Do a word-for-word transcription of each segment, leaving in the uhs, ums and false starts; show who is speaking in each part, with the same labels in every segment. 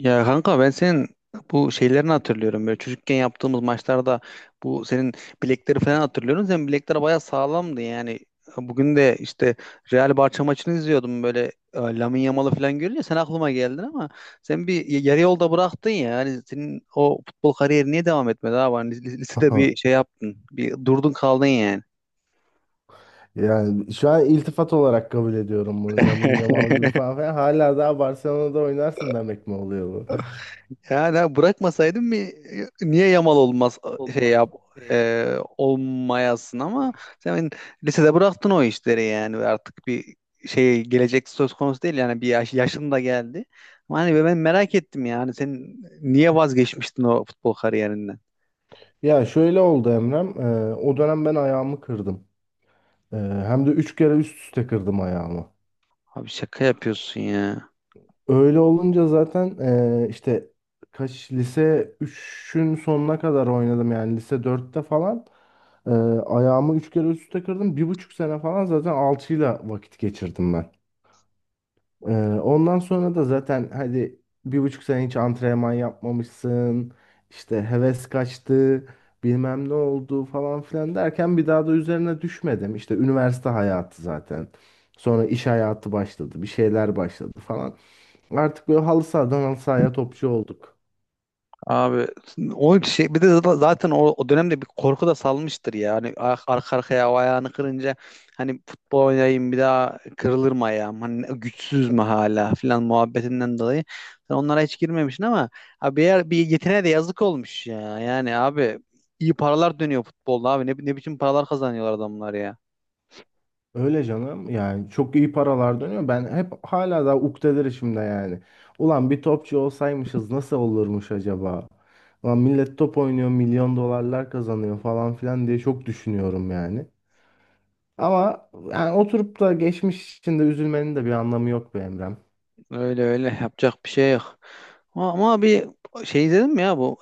Speaker 1: Ya kanka ben senin bu şeylerini hatırlıyorum. Böyle çocukken yaptığımız maçlarda bu senin bilekleri falan hatırlıyorum. Senin bilekler bayağı sağlamdı yani. Bugün de işte Real Barça maçını izliyordum böyle e, Lamine Yamal'ı falan görünce sen aklıma geldin, ama sen bir y- yarı yolda bıraktın ya. Yani senin o futbol kariyeri niye devam etmedi abi? Hani lis- lisede bir şey yaptın. Bir durdun kaldın yani.
Speaker 2: Yani şu an iltifat olarak kabul ediyorum bunu. Lamine Yamal gibi falan filan. Hala daha Barcelona'da oynarsın demek mi oluyor bu?
Speaker 1: Yani ha, bırakmasaydım mı niye Yamal olmaz şey yap e, olmayasın, ama sen lisede bıraktın o işleri yani, ve artık bir şey gelecek söz konusu değil yani, bir yaş, yaşın da geldi. Ama hani ben merak ettim yani, sen niye vazgeçmiştin o futbol kariyerinden?
Speaker 2: Ya şöyle oldu Emrem. Ee, o dönem ben ayağımı kırdım. Ee, Hem de üç kere üst üste kırdım ayağımı.
Speaker 1: Abi şaka yapıyorsun ya.
Speaker 2: Öyle olunca zaten ee, işte kaç lise üçün sonuna kadar oynadım yani lise dörtte falan. Ee, Ayağımı üç kere üst üste kırdım. Bir buçuk sene falan zaten alçıyla vakit geçirdim. Ee, Ondan sonra da zaten hadi bir buçuk sene hiç antrenman yapmamışsın. İşte heves kaçtı, bilmem ne oldu falan filan derken bir daha da üzerine düşmedim. İşte üniversite hayatı zaten. Sonra iş hayatı başladı, bir şeyler başladı falan. Artık böyle halı sahadan halı sahaya topçu olduk.
Speaker 1: Abi o şey, bir de za- zaten o, o dönemde bir korku da salmıştır ya. Hani ar- arka arkaya o ayağını kırınca hani futbol oynayayım, bir daha kırılır mı ayağım? Hani güçsüz mü hala filan muhabbetinden dolayı. Sen onlara hiç girmemişsin, ama abi bir, yer- bir yeteneğe de yazık olmuş ya. Yani abi, iyi paralar dönüyor futbolda abi. Ne, ne biçim paralar kazanıyorlar adamlar ya.
Speaker 2: Öyle canım, yani çok iyi paralar dönüyor. Ben hep hala da ukdedirişimde yani. Ulan bir topçu olsaymışız nasıl olurmuş acaba? Ulan millet top oynuyor, milyon dolarlar kazanıyor falan filan diye çok düşünüyorum yani. Ama yani oturup da geçmiş içinde üzülmenin de bir anlamı yok be Emrem.
Speaker 1: Öyle öyle, yapacak bir şey yok. Ama ama bir şey izledin mi ya, bu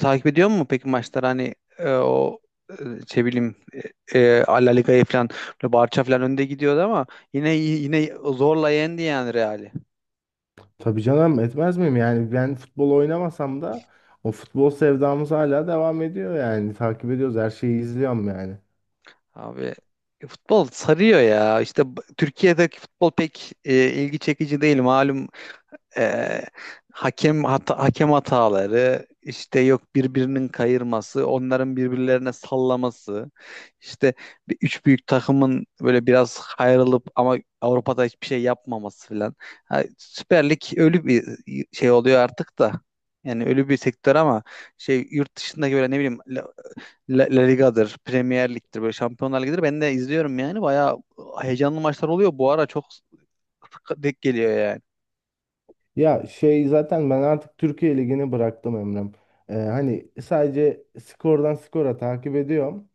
Speaker 1: takip ediyor mu peki maçlar, hani e, o e, şey bileyim, e, e, La Liga'yı falan böyle Barça falan önde gidiyordu ama yine yine zorla yendi yani Real'i.
Speaker 2: Tabii canım, etmez miyim yani? Ben futbol oynamasam da o futbol sevdamız hala devam ediyor yani, takip ediyoruz, her şeyi izliyorum yani.
Speaker 1: Abi futbol sarıyor ya. İşte b- Türkiye'deki futbol pek e, ilgi çekici değil malum, e, hakem hata, hakem hataları işte, yok birbirinin kayırması, onların birbirlerine sallaması, işte bir, üç büyük takımın böyle biraz ayrılıp ama Avrupa'da hiçbir şey yapmaması filan. Ha, Süper Lig ölü bir şey oluyor artık da. Yani ölü bir sektör ama şey, yurt dışındaki böyle, ne bileyim, La, La- La Liga'dır, Premier Lig'dir, böyle Şampiyonlar Ligi'dir. Ben de izliyorum yani. Bayağı heyecanlı maçlar oluyor. Bu ara çok sık- denk geliyor yani.
Speaker 2: Ya şey, zaten ben artık Türkiye Ligi'ni bıraktım Emrem. Ee, hani sadece skordan skora takip ediyorum.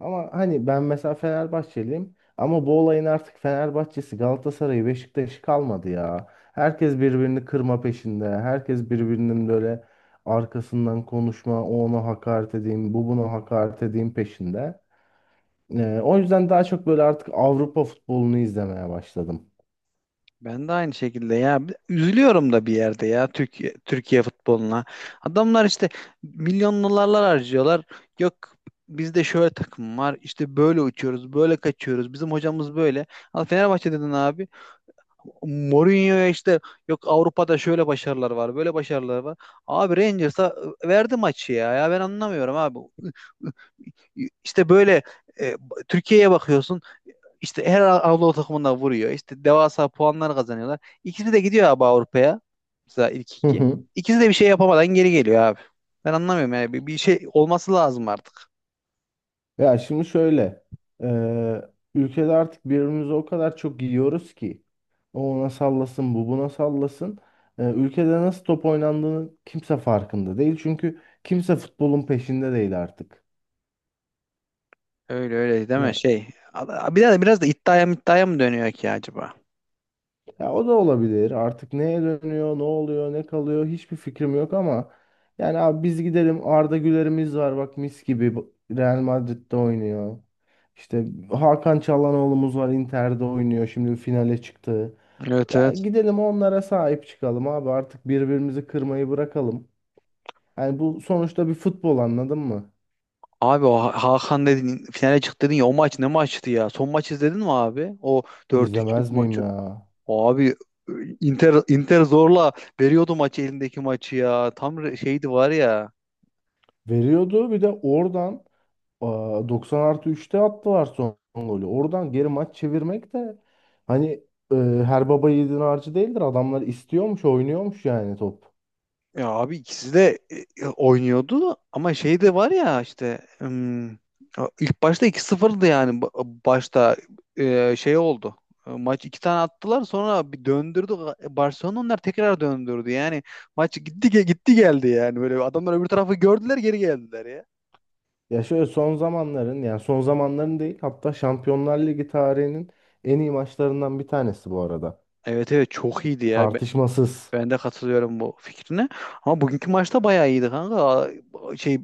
Speaker 2: Ama hani ben mesela Fenerbahçeliyim. Ama bu olayın artık Fenerbahçe'si, Galatasaray'ı, Beşiktaş'ı kalmadı ya. Herkes birbirini kırma peşinde. Herkes birbirinin böyle arkasından konuşma, o ona hakaret edeyim, bu buna hakaret edeyim peşinde. Ee, o yüzden daha çok böyle artık Avrupa futbolunu izlemeye başladım.
Speaker 1: Ben de aynı şekilde ya. Üzülüyorum da bir yerde ya, Türkiye Türkiye futboluna. Adamlar işte milyon harcıyorlar. Yok bizde şöyle takım var. İşte böyle uçuyoruz, böyle kaçıyoruz. Bizim hocamız böyle. Al Fenerbahçe dedin abi. Mourinho'ya işte, yok Avrupa'da şöyle başarılar var, böyle başarılar var. Abi Rangers'a verdi maçı ya. Ya ben anlamıyorum abi. İşte böyle e, Türkiye'ye bakıyorsun. İşte her Anadolu takımında vuruyor. İşte devasa puanlar kazanıyorlar. İkisi de gidiyor abi Avrupa'ya. Mesela ilk
Speaker 2: Hı
Speaker 1: iki.
Speaker 2: hı.
Speaker 1: İkisi de bir şey yapamadan geri geliyor abi. Ben anlamıyorum yani. Bir, bir şey olması lazım artık.
Speaker 2: Ya şimdi şöyle, eee, ülkede artık birbirimizi o kadar çok yiyoruz ki o ona sallasın, bu buna sallasın. Eee, ülkede nasıl top oynandığını kimse farkında değil, çünkü kimse futbolun peşinde değil artık.
Speaker 1: Öyle öyle, değil mi? Şey. Bir de biraz da iddiaya mı iddiaya mı dönüyor ki acaba?
Speaker 2: Ya o da olabilir. Artık neye dönüyor, ne oluyor, ne kalıyor hiçbir fikrim yok ama yani abi biz gidelim, Arda Güler'imiz var bak, mis gibi Bu- Real Madrid'de oynuyor. İşte Hakan Çalhanoğlu'muz var, Inter'de oynuyor, şimdi finale çıktı.
Speaker 1: Evet,
Speaker 2: Ya
Speaker 1: evet.
Speaker 2: gidelim onlara sahip çıkalım abi, artık birbirimizi kırmayı bırakalım. Yani bu sonuçta bir futbol, anladın mı?
Speaker 1: Abi o Ha- Hakan dedin, finale çıktı dedin ya, o maç ne maçtı ya? Son maç izledin mi abi? O dört üçlük
Speaker 2: İzlemez miyim
Speaker 1: maçı.
Speaker 2: ya?
Speaker 1: Abi Inter Inter zorla veriyordu maçı, elindeki maçı ya. Tam re- şeydi var ya.
Speaker 2: Veriyordu bir de oradan. Aa, doksan artı üçte attılar son golü. Oradan geri maç çevirmek de hani, e, her baba yiğidin harcı değildir. Adamlar istiyormuş, oynuyormuş yani top.
Speaker 1: Ya abi ikisi de e, e, oynuyordu ama şey de var ya, işte ım, ilk başta iki 0dı yani, Ba- başta e, şey oldu. E, Maç, iki tane attılar sonra bir döndürdü. Barcelona, onlar tekrar döndürdü. Yani maç gitti ge- gitti geldi yani, böyle adamlar öbür tarafı gördüler, geri geldiler ya.
Speaker 2: Ya şöyle, son zamanların, yani son zamanların değil hatta Şampiyonlar Ligi tarihinin en iyi maçlarından bir tanesi bu arada.
Speaker 1: Evet, evet, çok iyiydi ya.
Speaker 2: Tartışmasız.
Speaker 1: Ben de katılıyorum bu fikrine. Ama bugünkü maçta bayağı iyiydi kanka. Şey e,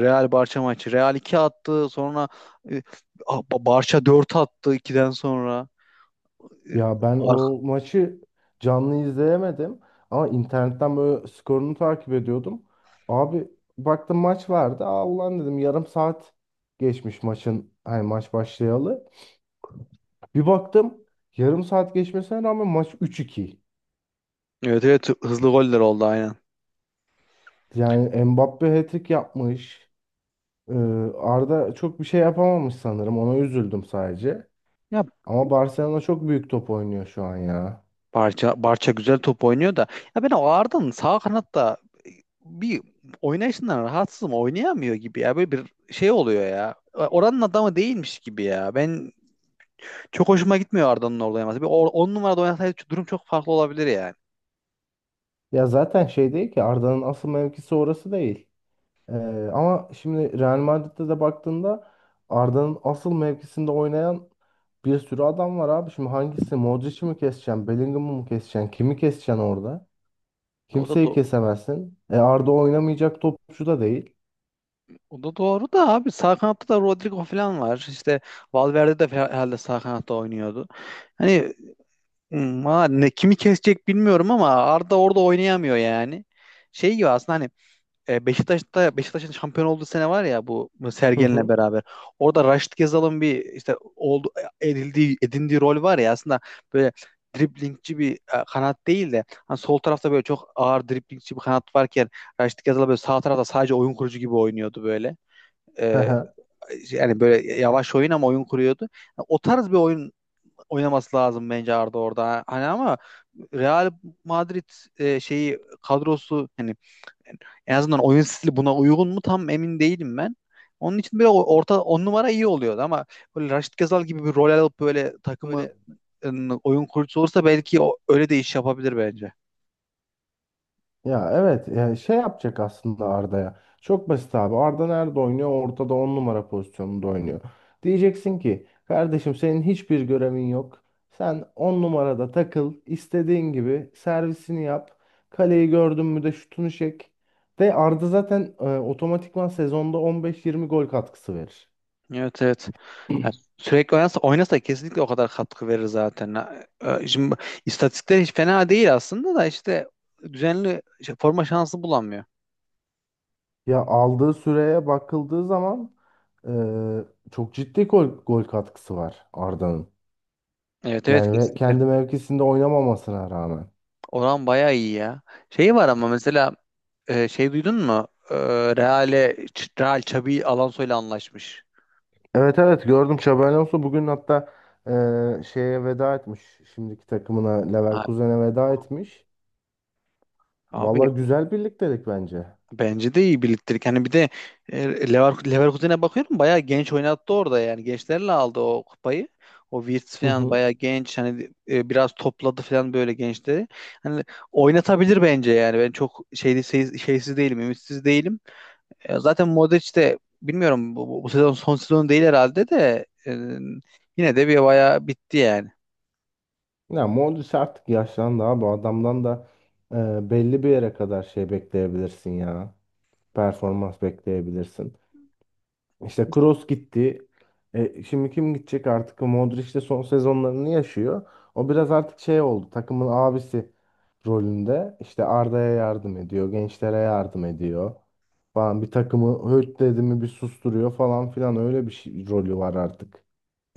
Speaker 1: Real Barça maçı. Real iki attı. Sonra e, a- Ba- Barça dört attı ikiden sonra. E,
Speaker 2: Ya ben
Speaker 1: ar-
Speaker 2: o maçı canlı izleyemedim ama internetten böyle skorunu takip ediyordum. Abi baktım maç vardı. Aa ulan dedim, yarım saat geçmiş maçın, hani maç başlayalı. Bir baktım yarım saat geçmesine rağmen maç üç iki.
Speaker 1: Evet, evet, hızlı goller oldu aynen.
Speaker 2: Yani Mbappe hat-trick yapmış. Ee, Arda çok bir şey yapamamış sanırım. Ona üzüldüm sadece.
Speaker 1: Ya
Speaker 2: Ama Barcelona çok büyük top oynuyor şu an ya.
Speaker 1: Barça Barça güzel top oynuyor da, ya ben o Arda'nın sağ kanatta bir oynayışından rahatsızım. Oynayamıyor gibi ya. Böyle bir şey oluyor ya. E, Oranın adamı değilmiş gibi ya. Ben, çok hoşuma gitmiyor Arda'nın orada oynaması. Bir on numarada oynasaydı durum çok farklı olabilir ya.
Speaker 2: Ya zaten şey değil ki, Arda'nın asıl mevkisi orası değil. Ee, ama şimdi Real Madrid'de de baktığında Arda'nın asıl mevkisinde oynayan bir sürü adam var abi. Şimdi hangisi? Modric'i mi keseceksin? Bellingham'ı mı keseceksin? Kimi keseceksin orada?
Speaker 1: O da
Speaker 2: Kimseyi
Speaker 1: do-
Speaker 2: kesemezsin. E Arda oynamayacak topçu da değil.
Speaker 1: o da doğru da abi, sağ kanatta da Rodrigo falan var. İşte Valverde de herhalde sağ kanatta oynuyordu. Hani hmm, valla ne, kimi kesecek bilmiyorum, ama Arda orada oynayamıyor yani. Şey gibi aslında, hani e, Beşiktaş'ta, Beşiktaş'ın şampiyon olduğu sene var ya, bu
Speaker 2: Hı
Speaker 1: Sergen'le
Speaker 2: hı.
Speaker 1: beraber. Orada Raşit Gezal'ın bir, işte oldu edildiği edindiği rol var ya aslında, böyle driblingçi bir e, kanat değil de hani, sol tarafta böyle çok ağır driblingçi bir kanat varken Raşit Gezal böyle sağ tarafta sadece oyun kurucu gibi oynuyordu böyle. E, yani böyle yavaş oyun, ama oyun kuruyordu. Yani o tarz bir oyun oynaması lazım bence Arda orada. Hani ama Real Madrid e, şeyi, kadrosu yani, en azından oyun stili buna uygun mu tam emin değilim ben. Onun için böyle orta on numara iyi oluyordu ama, böyle Raşit Gazal gibi bir rol alıp böyle takımı ın, oyun kurucusu olursa, belki o, öyle de iş yapabilir bence.
Speaker 2: Ya evet ya, şey yapacak aslında Arda'ya. Çok basit abi. Arda nerede oynuyor? Ortada on numara pozisyonunda oynuyor. Diyeceksin ki kardeşim senin hiçbir görevin yok. Sen on numarada takıl, istediğin gibi servisini yap. Kaleyi gördün mü de şutunu çek. De Arda zaten e, otomatikman sezonda on beş yirmi gol katkısı verir.
Speaker 1: Evet, evet. Ya sürekli oynasa, oynasa kesinlikle o kadar katkı verir zaten. Ha, e, Şimdi istatistikler hiç fena değil aslında da, işte düzenli şey, forma şansı bulamıyor.
Speaker 2: Ya aldığı süreye bakıldığı zaman e, çok ciddi gol, gol katkısı var Arda'nın.
Speaker 1: Evet, evet,
Speaker 2: Yani ve
Speaker 1: kesinlikle.
Speaker 2: kendi mevkisinde oynamamasına rağmen.
Speaker 1: Oran bayağı iyi ya. Şey var ama mesela, e, şey, duydun mu? E, Real'e, Ç- Real Xabi Alonso'yla anlaşmış.
Speaker 2: Evet evet gördüm, Xabi Alonso bugün hatta e, şeye veda etmiş. Şimdiki takımına
Speaker 1: Ha,
Speaker 2: Leverkusen'e veda etmiş.
Speaker 1: Abi
Speaker 2: Valla güzel birliktelik bence.
Speaker 1: bence de iyi birliktelik. Hani bir de e, Lever Leverkusen'e bakıyorum, bayağı genç oynattı orada yani. Gençlerle aldı o kupayı. O Wirtz
Speaker 2: Hı
Speaker 1: falan
Speaker 2: hı.
Speaker 1: bayağı genç, hani e, biraz topladı falan böyle gençleri. Hani oynatabilir bence yani. Ben çok şeydi şey- şeysiz değilim, ümitsiz değilim. E, zaten Modric de bilmiyorum, bu, bu, bu sezon son sezonu değil herhalde de e, yine de bir bayağı bitti yani.
Speaker 2: Ya Modric artık yaşlandı abi. Bu adamdan da e, belli bir yere kadar şey bekleyebilirsin ya. Performans bekleyebilirsin. İşte Kroos gitti. E, şimdi kim gidecek artık? Modric de son sezonlarını yaşıyor. O biraz artık şey oldu. Takımın abisi rolünde. İşte Arda'ya yardım ediyor. Gençlere yardım ediyor. Falan bir takımı höt dedi mi bir susturuyor falan filan. Öyle bir şey, rolü var artık.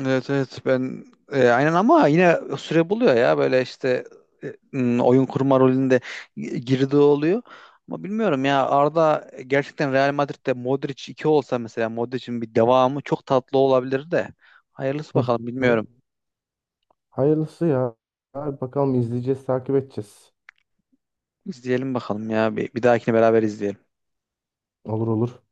Speaker 1: Evet, evet, ben e, aynen, ama yine süre buluyor ya, böyle işte e, m, oyun kurma rolünde gi- girdiği oluyor. Ama bilmiyorum ya, Arda gerçekten Real Madrid'de Modric iki olsa mesela, Modric'in bir devamı çok tatlı olabilir de. Hayırlısı
Speaker 2: Hı
Speaker 1: bakalım,
Speaker 2: hı.
Speaker 1: bilmiyorum.
Speaker 2: Hayırlısı ya. Abi bakalım, izleyeceğiz, takip edeceğiz.
Speaker 1: İzleyelim bakalım ya, bir, bir dahakine beraber izleyelim.
Speaker 2: Olur olur.